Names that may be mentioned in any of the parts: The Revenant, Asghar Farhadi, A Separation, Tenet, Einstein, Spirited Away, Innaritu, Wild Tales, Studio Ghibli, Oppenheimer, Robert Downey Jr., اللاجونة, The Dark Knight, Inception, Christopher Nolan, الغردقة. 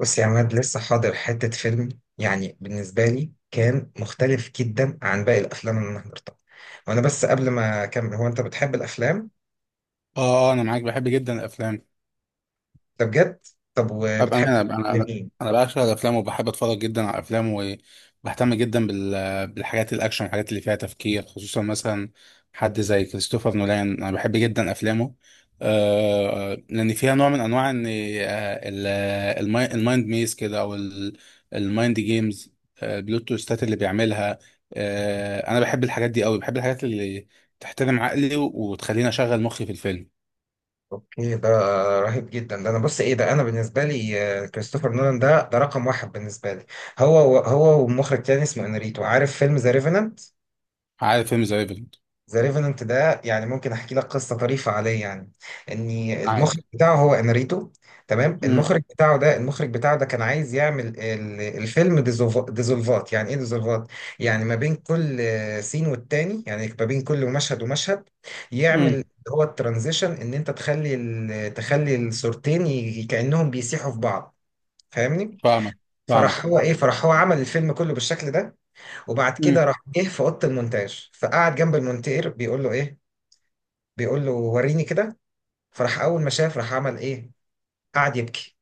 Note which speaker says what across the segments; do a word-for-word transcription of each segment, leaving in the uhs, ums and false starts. Speaker 1: بص يا عماد، لسه حاضر حتة فيلم. يعني بالنسبة لي كان مختلف جدا عن باقي الأفلام اللي أنا حضرتها. وأنا بس قبل ما أكمل، هو أنت بتحب الأفلام؟
Speaker 2: اه آه، انا معاك بحب جدا الافلام.
Speaker 1: ده بجد؟ طب
Speaker 2: ابقى
Speaker 1: وبتحب
Speaker 2: انا انا انا
Speaker 1: مين؟
Speaker 2: أنا بعشق الافلام وبحب اتفرج جدا على الافلام، وبهتم جدا بال... بالحاجات الاكشن، الحاجات اللي فيها تفكير، خصوصا مثلا حد زي كريستوفر نولان. انا بحب جدا افلامه، آه لان فيها نوع من انواع ان آه، ال- الماي- المايند ميز كده، او ال- المايند جيمز، آه، بلوت تويستات اللي بيعملها. آه انا بحب الحاجات دي قوي، بحب الحاجات اللي تحترم عقلي وتخليني اشغل مخي في الفيلم.
Speaker 1: أوكي، ده رهيب جدا. ده أنا بص إيه، ده أنا بالنسبة لي آه، كريستوفر نولان ده ده رقم واحد بالنسبة لي. هو هو ومخرج تاني اسمه إنريتو، عارف فيلم ذا ريفننت؟
Speaker 2: عارف فيلم ذا ريفرنت.
Speaker 1: ذا ريفننت ده يعني ممكن احكي لك قصه طريفه عليه. يعني اني اه المخرج بتاعه هو انريتو، تمام؟
Speaker 2: امم
Speaker 1: المخرج بتاعه ده، المخرج بتاعه ده كان عايز يعمل ال- الفيلم ديزوف- ديزولفات. يعني ايه ديزولفات؟ يعني ما بين كل سين والتاني، يعني ما بين كل مشهد ومشهد يعمل اللي
Speaker 2: امم
Speaker 1: هو الترانزيشن، ان انت تخلي ال- تخلي الصورتين ي- كانهم بيسيحوا في بعض، فاهمني؟
Speaker 2: فاهمك. فاهمك.
Speaker 1: فراح هو ايه، فراح هو عمل الفيلم كله بالشكل ده. وبعد كده
Speaker 2: امم
Speaker 1: راح جه في اوضه المونتاج، فقعد جنب المونتير بيقول له ايه، بيقول له وريني كده. فراح اول ما شاف راح عمل ايه، قعد يبكي.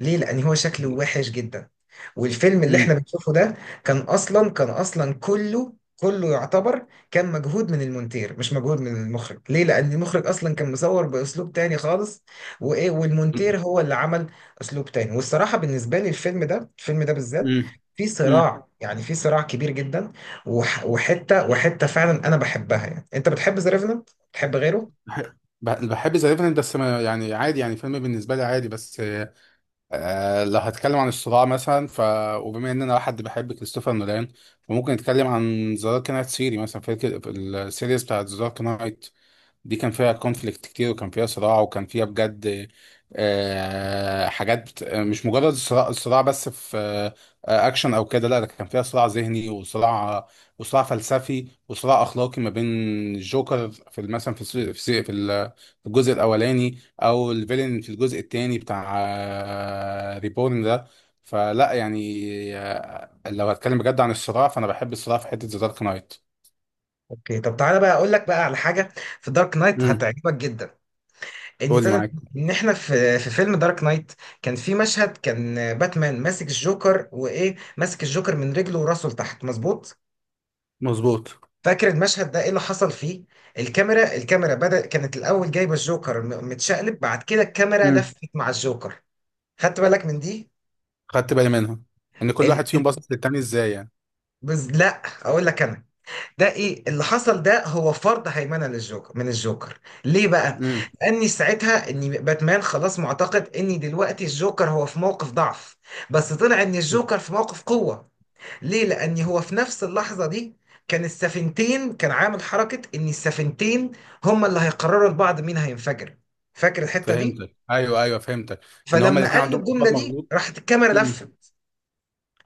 Speaker 1: ليه؟ لان هو شكله وحش جدا، والفيلم اللي احنا
Speaker 2: امم
Speaker 1: بنشوفه ده كان اصلا كان اصلا كله، كله يعتبر كان مجهود من المونتير، مش مجهود من المخرج. ليه؟ لان المخرج اصلا كان مصور باسلوب تاني خالص، وايه، والمونتير هو اللي عمل اسلوب تاني. والصراحه بالنسبه لي الفيلم ده، الفيلم ده بالذات
Speaker 2: امم
Speaker 1: في
Speaker 2: امم
Speaker 1: صراع، يعني في صراع كبير جدا. وح- وحته وحته فعلا انا بحبها. يعني انت بتحب ذا ريفننت؟ بتحب غيره؟
Speaker 2: بحب ذا ريفننت بس، ما يعني عادي، يعني فيلم بالنسبه لي عادي بس. آه لو هتكلم عن الصراع مثلا، ف وبما ان انا حد بحب كريستوفر نولان، فممكن نتكلم عن ذا دارك نايت سيري مثلا، في السيريز بتاعت ذا دارك نايت دي، كان فيها كونفليكت كتير، وكان فيها صراع، وكان فيها بجد آه، حاجات بت- مش مجرد صراع، صراع بس في آه، اكشن او كده، لا ده كان فيها صراع ذهني، وصراع، وصراع فلسفي، وصراع اخلاقي، ما بين الجوكر في مثلا في الس- في الس- في ال- في الجزء الاولاني، او الفيلن في الجزء الثاني بتاع ريبورن ده، فلا يعني. آه، لو هتكلم بجد عن الصراع، فانا بحب الصراع في حته ذا دارك نايت.
Speaker 1: اوكي، طب تعالى بقى اقول لك بقى على حاجه في دارك نايت
Speaker 2: امم
Speaker 1: هتعجبك جدا. ان
Speaker 2: قول لي
Speaker 1: تد-
Speaker 2: معاك.
Speaker 1: ان احنا في في فيلم دارك نايت كان في مشهد، كان باتمان ماسك الجوكر، وايه، ماسك الجوكر من رجله وراسه لتحت، مظبوط؟
Speaker 2: مظبوط.
Speaker 1: فاكر المشهد ده ايه اللي حصل فيه؟ الكاميرا، الكاميرا بدأ كانت الاول جايبه الجوكر م- متشقلب، بعد كده الكاميرا لفت مع الجوكر، خدت بالك من دي؟
Speaker 2: خدت بالي منها ان كل واحد
Speaker 1: ال...
Speaker 2: فيهم
Speaker 1: ال...
Speaker 2: باصص للتاني ازاي يعني.
Speaker 1: بز... لا، اقول لك انا ده ايه اللي حصل. ده هو فرض هيمنه للجوكر، من الجوكر. ليه بقى؟
Speaker 2: امم
Speaker 1: لاني ساعتها ان باتمان خلاص معتقد ان دلوقتي الجوكر هو في موقف ضعف، بس طلع ان الجوكر في موقف قوة. ليه؟ لان هو في نفس اللحظة دي كان السفينتين، كان عامل حركة ان السفينتين هما اللي هيقرروا لبعض مين هينفجر. فاكر الحتة دي؟
Speaker 2: فهمتك، ايوه ايوه فهمتك. ان هما
Speaker 1: فلما
Speaker 2: الاثنين
Speaker 1: قال له
Speaker 2: عندهم
Speaker 1: الجملة
Speaker 2: قرار
Speaker 1: دي
Speaker 2: مغلوط.
Speaker 1: راحت الكاميرا
Speaker 2: امم
Speaker 1: لفت.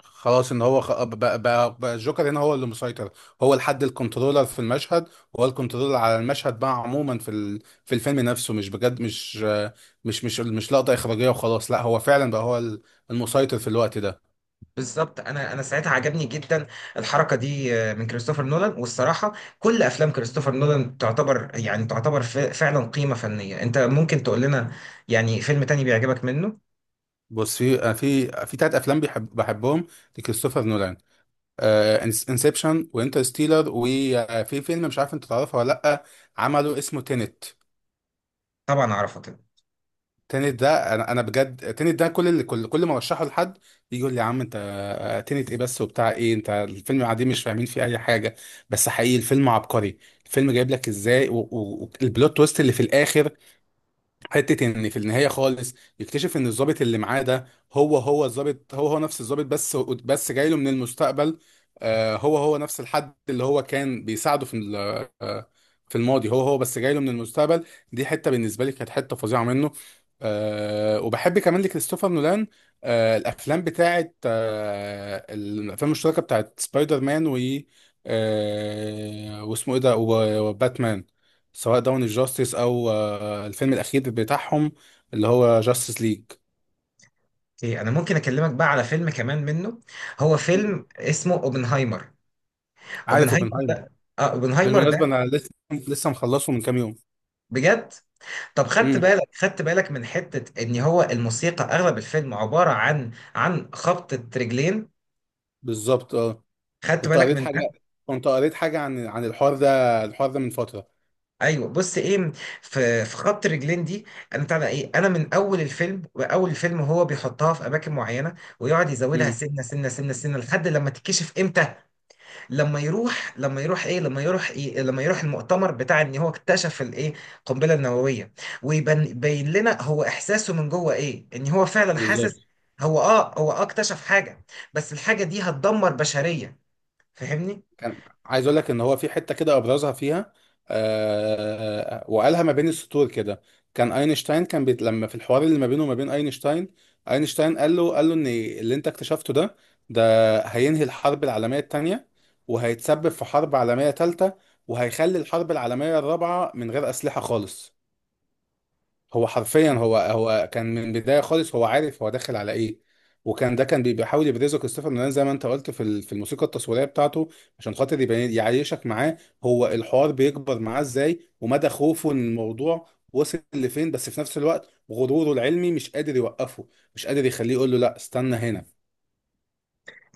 Speaker 2: خلاص، ان هو خ... بقى, بقى, بقى الجوكر هنا هو اللي مسيطر، هو الحد الكنترولر في المشهد، وهو الكنترولر على المشهد بقى عموما في ال... في الفيلم نفسه، مش بجد مش مش مش مش لقطه اخراجيه وخلاص، لا هو فعلا بقى هو ال- المسيطر في الوقت ده.
Speaker 1: بالظبط، انا انا ساعتها عجبني جدا الحركه دي آه، من كريستوفر نولان. والصراحه كل افلام كريستوفر نولان تعتبر، يعني تعتبر ف- فعلا قيمه فنيه. انت ممكن تقول لنا يعني فيلم تاني بيعجبك منه؟
Speaker 2: بص في في في تلات افلام بحب بحبهم لكريستوفر نولان: انسبشن، وانترستيلر، وفي فيلم مش عارف انت تعرفه ولا لا، عمله اسمه تينت.
Speaker 1: طبعا اعرفه طبعا.
Speaker 2: تينت ده انا انا بجد. تينت ده كل اللي كل كل ما ارشحه لحد يجي يقول لي: يا عم انت تينت ايه بس وبتاع ايه، انت الفيلم قاعدين مش فاهمين فيه اي حاجه. بس حقيقي الفيلم عبقري، الفيلم جايب لك ازاي، والبلوت تويست اللي في الاخر، حته ان في النهايه خالص يكتشف ان الضابط اللي معاه ده، هو هو الضابط هو هو نفس الضابط، بس بس جاي له من المستقبل. آه، هو هو نفس الحد اللي هو كان بيساعده في ال- آه، في الماضي، هو هو بس جاي له من المستقبل. دي حته بالنسبه لي كانت حته فظيعه منه. آه، وبحب كمان لكريستوفر نولان آه، الافلام بتاعت آه، الافلام المشتركه بتاعت سبايدر مان و آه، واسمه ايه ده، وباتمان، سواء داون الجاستس او آه، الفيلم الأخير بتاعهم اللي هو جاستس ليج.
Speaker 1: إيه، انا ممكن اكلمك بقى على فيلم كمان منه، هو فيلم اسمه اوبنهايمر.
Speaker 2: عارف
Speaker 1: اوبنهايمر
Speaker 2: اوبنهايمر.
Speaker 1: ده، اه، اوبنهايمر
Speaker 2: بالمناسبة
Speaker 1: ده
Speaker 2: أنا لسه لسه مخلصه من كام يوم.
Speaker 1: بجد. طب خدت
Speaker 2: امم
Speaker 1: بالك خدت بالك من حته ان هو الموسيقى اغلب الفيلم عباره عن عن خبطه رجلين؟
Speaker 2: بالظبط اه.
Speaker 1: خدت
Speaker 2: كنت
Speaker 1: بالك
Speaker 2: قريت
Speaker 1: من
Speaker 2: حاجة. كنت قريت حاجة عن عن الحوار ده، الحوار ده من فترة.
Speaker 1: ايوه؟ بص ايه، في في خط رجلين دي، انا بتاع ده ايه، انا من اول الفيلم، واول الفيلم هو بيحطها في اماكن معينه، ويقعد يزودها
Speaker 2: امم
Speaker 1: سنه سنه سنه سنه لحد لما تتكشف امتى، لما يروح، لما يروح ايه لما يروح ايه لما يروح المؤتمر بتاع ان هو اكتشف الايه، القنبله النوويه. ويبين لنا هو احساسه من جوه ايه، ان هو فعلا حاسس
Speaker 2: بالظبط.
Speaker 1: هو اه، هو اه اكتشف حاجه، بس الحاجه دي هتدمر بشريه، فاهمني؟
Speaker 2: كان عايز اقول لك ان هو في حته كده ابرزها فيها، آه وقالها ما بين السطور كده. كان اينشتاين كان بيت، لما في الحوار اللي ما بينه وما بين اينشتاين، اينشتاين قال له قال له ان اللي انت اكتشفته ده، ده هينهي الحرب العالميه الثانيه، وهيتسبب في حرب عالميه ثالثه، وهيخلي الحرب العالميه الرابعه من غير اسلحه خالص. هو حرفيا هو هو كان من البدايه خالص هو عارف هو داخل على ايه. وكان ده كان بي- بيحاول يبرزه كريستوفر نولان زي ما انت قلت في ال- في الموسيقى التصويريه بتاعته، عشان خاطر يبين يعيشك معاه هو الحوار بيكبر معاه ازاي، ومدى خوفه من الموضوع وصل لفين، بس في نفس الوقت غروره العلمي مش قادر يوقفه، مش قادر يخليه يقول له لا استنى هنا.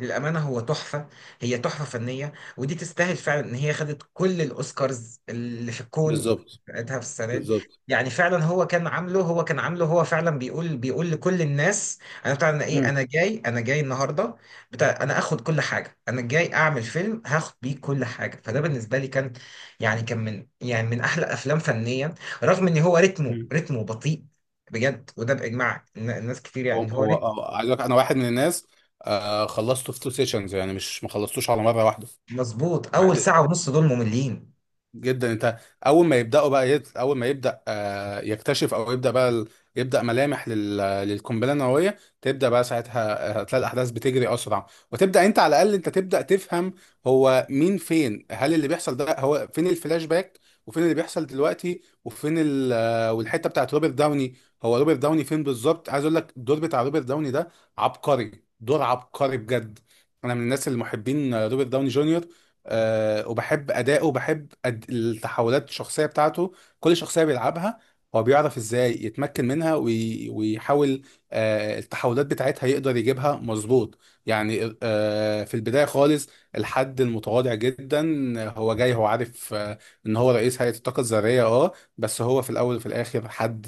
Speaker 1: للأمانة هو تحفة، هي تحفة فنية، ودي تستاهل فعلا إن هي خدت كل الأوسكارز اللي في الكون
Speaker 2: بالظبط.
Speaker 1: بتاعتها في السنة دي.
Speaker 2: بالظبط.
Speaker 1: يعني فعلا هو كان عامله، هو كان عامله هو فعلا بيقول، بيقول لكل الناس أنا بتاع، أنا إيه،
Speaker 2: مم.
Speaker 1: أنا جاي، أنا جاي النهاردة بتاع، أنا آخد كل حاجة، أنا جاي أعمل فيلم هاخد بيه كل حاجة. فده بالنسبة لي كان يعني كان من، يعني من أحلى أفلام فنيا، رغم إن هو رتمه،
Speaker 2: مم.
Speaker 1: رتمه بطيء، بجد، وده بإجماع الناس كتير
Speaker 2: هو
Speaker 1: يعني، إن هو
Speaker 2: هو
Speaker 1: رتم
Speaker 2: هو- عايز أقولك انا واحد من الناس. آه خلصته في تو سيشنز، يعني مش ما خلصتوش على مره واحده،
Speaker 1: مظبوط. أول ساعة ونص دول مملين.
Speaker 2: جدا انت. اول ما يبداوا بقى يت... اول ما يبدا آه يكتشف او يبدا بقى ال... يبدا ملامح لل... للقنبله النوويه، تبدا بقى ساعتها، آه، هتلاقي الاحداث بتجري اسرع، وتبدا انت على الاقل انت تبدا تفهم هو مين، فين، هل اللي بيحصل ده، هو فين الفلاش باك وفين اللي بيحصل دلوقتي، وفين ال... آه، والحته بتاعت روبرت داوني، هو روبرت داوني فين بالظبط. عايز اقول لك الدور بتاع روبرت داوني ده عبقري، دور عبقري بجد. انا من الناس المحبين آه، روبرت داوني جونيور. آه، وبحب اداؤه، وبحب أد... التحولات الشخصيه بتاعته. كل شخصيه بيلعبها هو بيعرف ازاي يتمكن منها، وي... ويحاول آه، التحولات بتاعتها يقدر يجيبها مظبوط. يعني آه، في البدايه خالص الحد المتواضع جدا، هو جاي هو عارف آه، ان هو رئيس هيئه الطاقه الذريه اه، بس هو في الاول وفي الاخر حد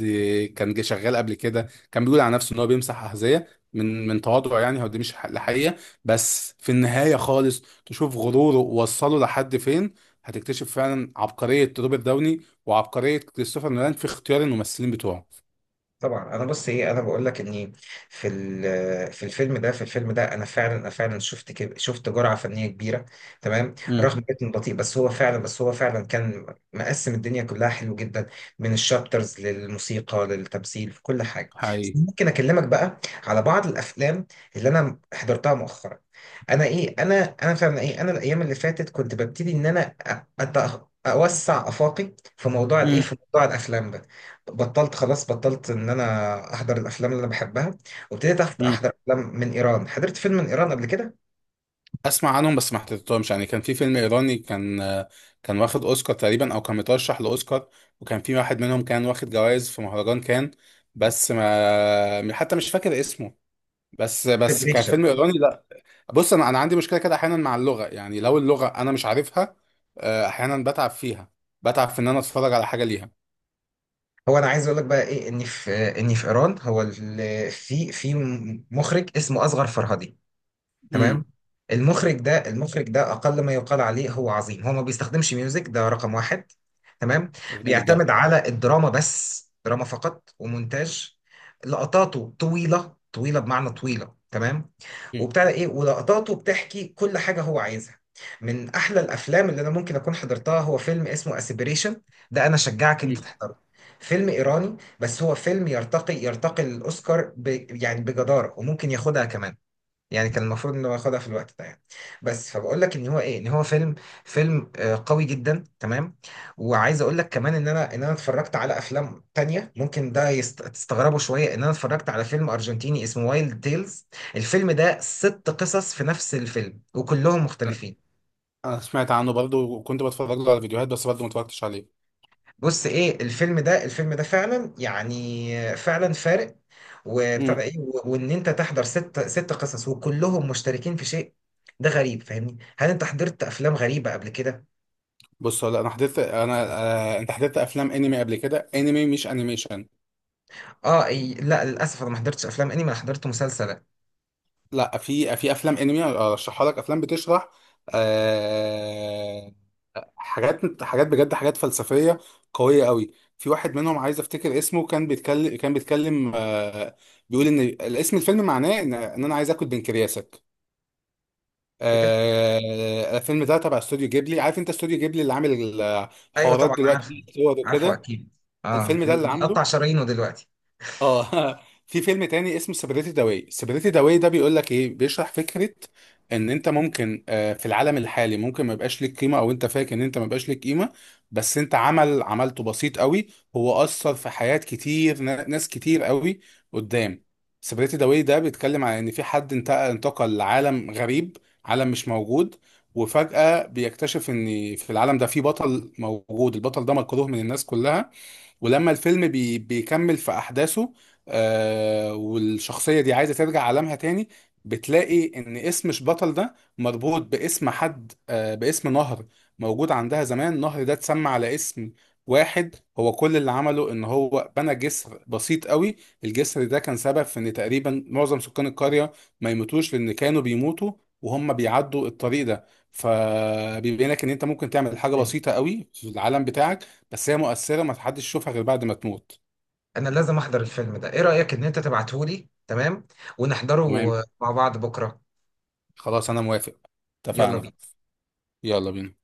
Speaker 2: كان جه شغال قبل كده، كان بيقول على نفسه ان هو بيمسح احذيه من من تواضعه، يعني هو دي مش الحقيقه. بس في النهايه خالص تشوف غروره ووصله لحد فين، هتكتشف فعلا عبقرية روبرت داوني وعبقرية كريستوفر نولان في اختيار الممثلين بتوعه.
Speaker 1: طبعا انا بص ايه، انا بقول لك اني في ال- في الفيلم ده، في الفيلم ده انا فعلا، انا فعلا شفت كب- شفت جرعه فنيه كبيره، تمام؟
Speaker 2: امم
Speaker 1: رغم كده بطيء، بس هو فعلا، بس هو فعلا كان مقسم الدنيا كلها حلو جدا، من الشابترز للموسيقى للتمثيل، في كل حاجه. بس
Speaker 2: حقيقي.
Speaker 1: ممكن اكلمك بقى على بعض الافلام اللي انا حضرتها مؤخرا. انا ايه، انا انا فعلا ايه، انا الايام اللي فاتت كنت ببتدي ان انا أ- أت- اوسع افاقي في موضوع الايه،
Speaker 2: امم
Speaker 1: في موضوع الافلام ده. بطلت خلاص بطلت ان انا احضر الافلام اللي انا بحبها، وابتديت أحت-
Speaker 2: امم
Speaker 1: احضر افلام من ايران، حضرت فيلم من ايران قبل كده،
Speaker 2: اسمع عنهم بس ما حضرتهمش، يعني كان في فيلم ايراني كان، كان واخد اوسكار تقريبا او كان مترشح لاوسكار، وكان في واحد منهم كان واخد جوائز في مهرجان كان، بس ما حتى مش فاكر اسمه، بس بس كان فيلم
Speaker 1: بريشة.
Speaker 2: ايراني. بص انا انا عندي مشكله كده احيانا مع اللغه، يعني لو اللغه انا مش عارفها، آه، احيانا بتعب فيها، بتعب في ان انا اتفرج على حاجه ليها.
Speaker 1: هو انا عايز اقول لك بقى ايه، ان في، ان في ايران هو ال- في في مخرج اسمه اصغر فرهادي، تمام؟
Speaker 2: امم
Speaker 1: المخرج ده، المخرج ده اقل ما يقال عليه هو عظيم. هو ما بيستخدمش ميوزك، ده رقم واحد، تمام؟
Speaker 2: جامد ده.
Speaker 1: بيعتمد على الدراما بس، دراما فقط ومونتاج. لقطاته طويلة، طويلة، بمعنى طويلة، تمام؟
Speaker 2: امم
Speaker 1: وبتاع ده ايه، ولقطاته بتحكي كل حاجة هو عايزها. من احلى الافلام اللي انا ممكن اكون حضرتها هو فيلم اسمه اسبريشن، ده انا شجعك
Speaker 2: امم
Speaker 1: انت تحضره. فيلم ايراني، بس هو فيلم يرتقي، يرتقي للاوسكار ب... يعني بجدارة، وممكن ياخدها كمان، يعني كان المفروض انه ياخدها في الوقت ده يعني. بس فبقول لك ان هو ايه، ان هو فيلم، فيلم آه، قوي جدا، تمام. وعايز اقول لك كمان ان انا، ان انا اتفرجت على افلام تانية ممكن ده يست... تستغربوا شوية، ان انا اتفرجت على فيلم ارجنتيني اسمه وايلد تيلز. الفيلم ده ست قصص في نفس الفيلم، وكلهم مختلفين.
Speaker 2: انا سمعت عنه برضو، وكنت بتفرج له على فيديوهات، بس برضو ما اتفرجتش عليه.
Speaker 1: بص ايه، الفيلم ده، الفيلم ده فعلا يعني فعلا فارق، وبتاع ده
Speaker 2: امم
Speaker 1: ايه، و- وان انت تحضر ست، ست قصص وكلهم مشتركين في شيء، ده غريب، فاهمني؟ هل انت حضرت افلام غريبه قبل كده؟
Speaker 2: بص هو لا انا حضرت انا. آه، انت حضرت افلام انمي قبل كده، انمي مش انيميشن.
Speaker 1: اه، إي، لا للاسف انا ما حضرتش افلام انمي، انا حضرت مسلسلات.
Speaker 2: لا في في افلام انمي ارشحها لك، افلام بتشرح آه، حاجات، حاجات بجد حاجات فلسفية قوية قوي. في واحد منهم عايز افتكر اسمه، كان بيتكلم، كان بيتكلم آه بيقول ان الاسم، الفيلم معناه ان ان انا عايز اكل بنكرياسك.
Speaker 1: ايه ده؟
Speaker 2: آه الفيلم ده تبع استوديو جيبلي، عارف انت استوديو جيبلي اللي عامل
Speaker 1: ايوه
Speaker 2: الحوارات
Speaker 1: طبعا عارفه،
Speaker 2: دلوقتي، الصور
Speaker 1: عارفه
Speaker 2: وكده.
Speaker 1: اكيد. اه،
Speaker 2: الفيلم ده
Speaker 1: اللي
Speaker 2: اللي
Speaker 1: بيقطع
Speaker 2: عامله.
Speaker 1: شرايينه دلوقتي.
Speaker 2: اه في فيلم تاني اسمه سيبريتي داواي، سيبريتي داواي ده بيقول لك ايه، بيشرح فكره ان انت ممكن آه، في العالم الحالي ممكن ما يبقاش ليك قيمه، او انت فاكر ان انت ما يبقاش ليك قيمه، بس انت عمل عملته بسيط قوي، هو اثر في حياه كتير نا- ناس كتير قوي قدام. سيبريتي داواي ده بيتكلم عن ان في حد انت- انتقل لعالم غريب، عالم مش موجود. وفجاه بيكتشف ان في العالم ده في بطل موجود، البطل ده مكروه من الناس كلها. ولما الفيلم بي بيكمل في أحداثه، آه والشخصية دي عايزة ترجع عالمها تاني، بتلاقي إن اسم البطل ده مربوط باسم حد آه باسم نهر موجود عندها زمان. النهر ده اتسمى على اسم واحد، هو كل اللي عمله إن هو بنى جسر بسيط قوي، الجسر ده كان سبب في إن تقريبا معظم سكان القرية ما يموتوش، لأن كانوا بيموتوا وهم بيعدوا الطريق ده. فبيبين لك ان انت ممكن تعمل حاجه
Speaker 1: إيه.
Speaker 2: بسيطه قوي في العالم بتاعك، بس هي مؤثرة ما حدش يشوفها غير بعد ما تموت.
Speaker 1: انا لازم احضر الفيلم ده. ايه رايك ان انت تبعته لي، تمام؟ ونحضره
Speaker 2: تمام.
Speaker 1: مع بعض بكره.
Speaker 2: خلاص انا موافق.
Speaker 1: يلا
Speaker 2: اتفقنا.
Speaker 1: بينا.
Speaker 2: يلا بينا.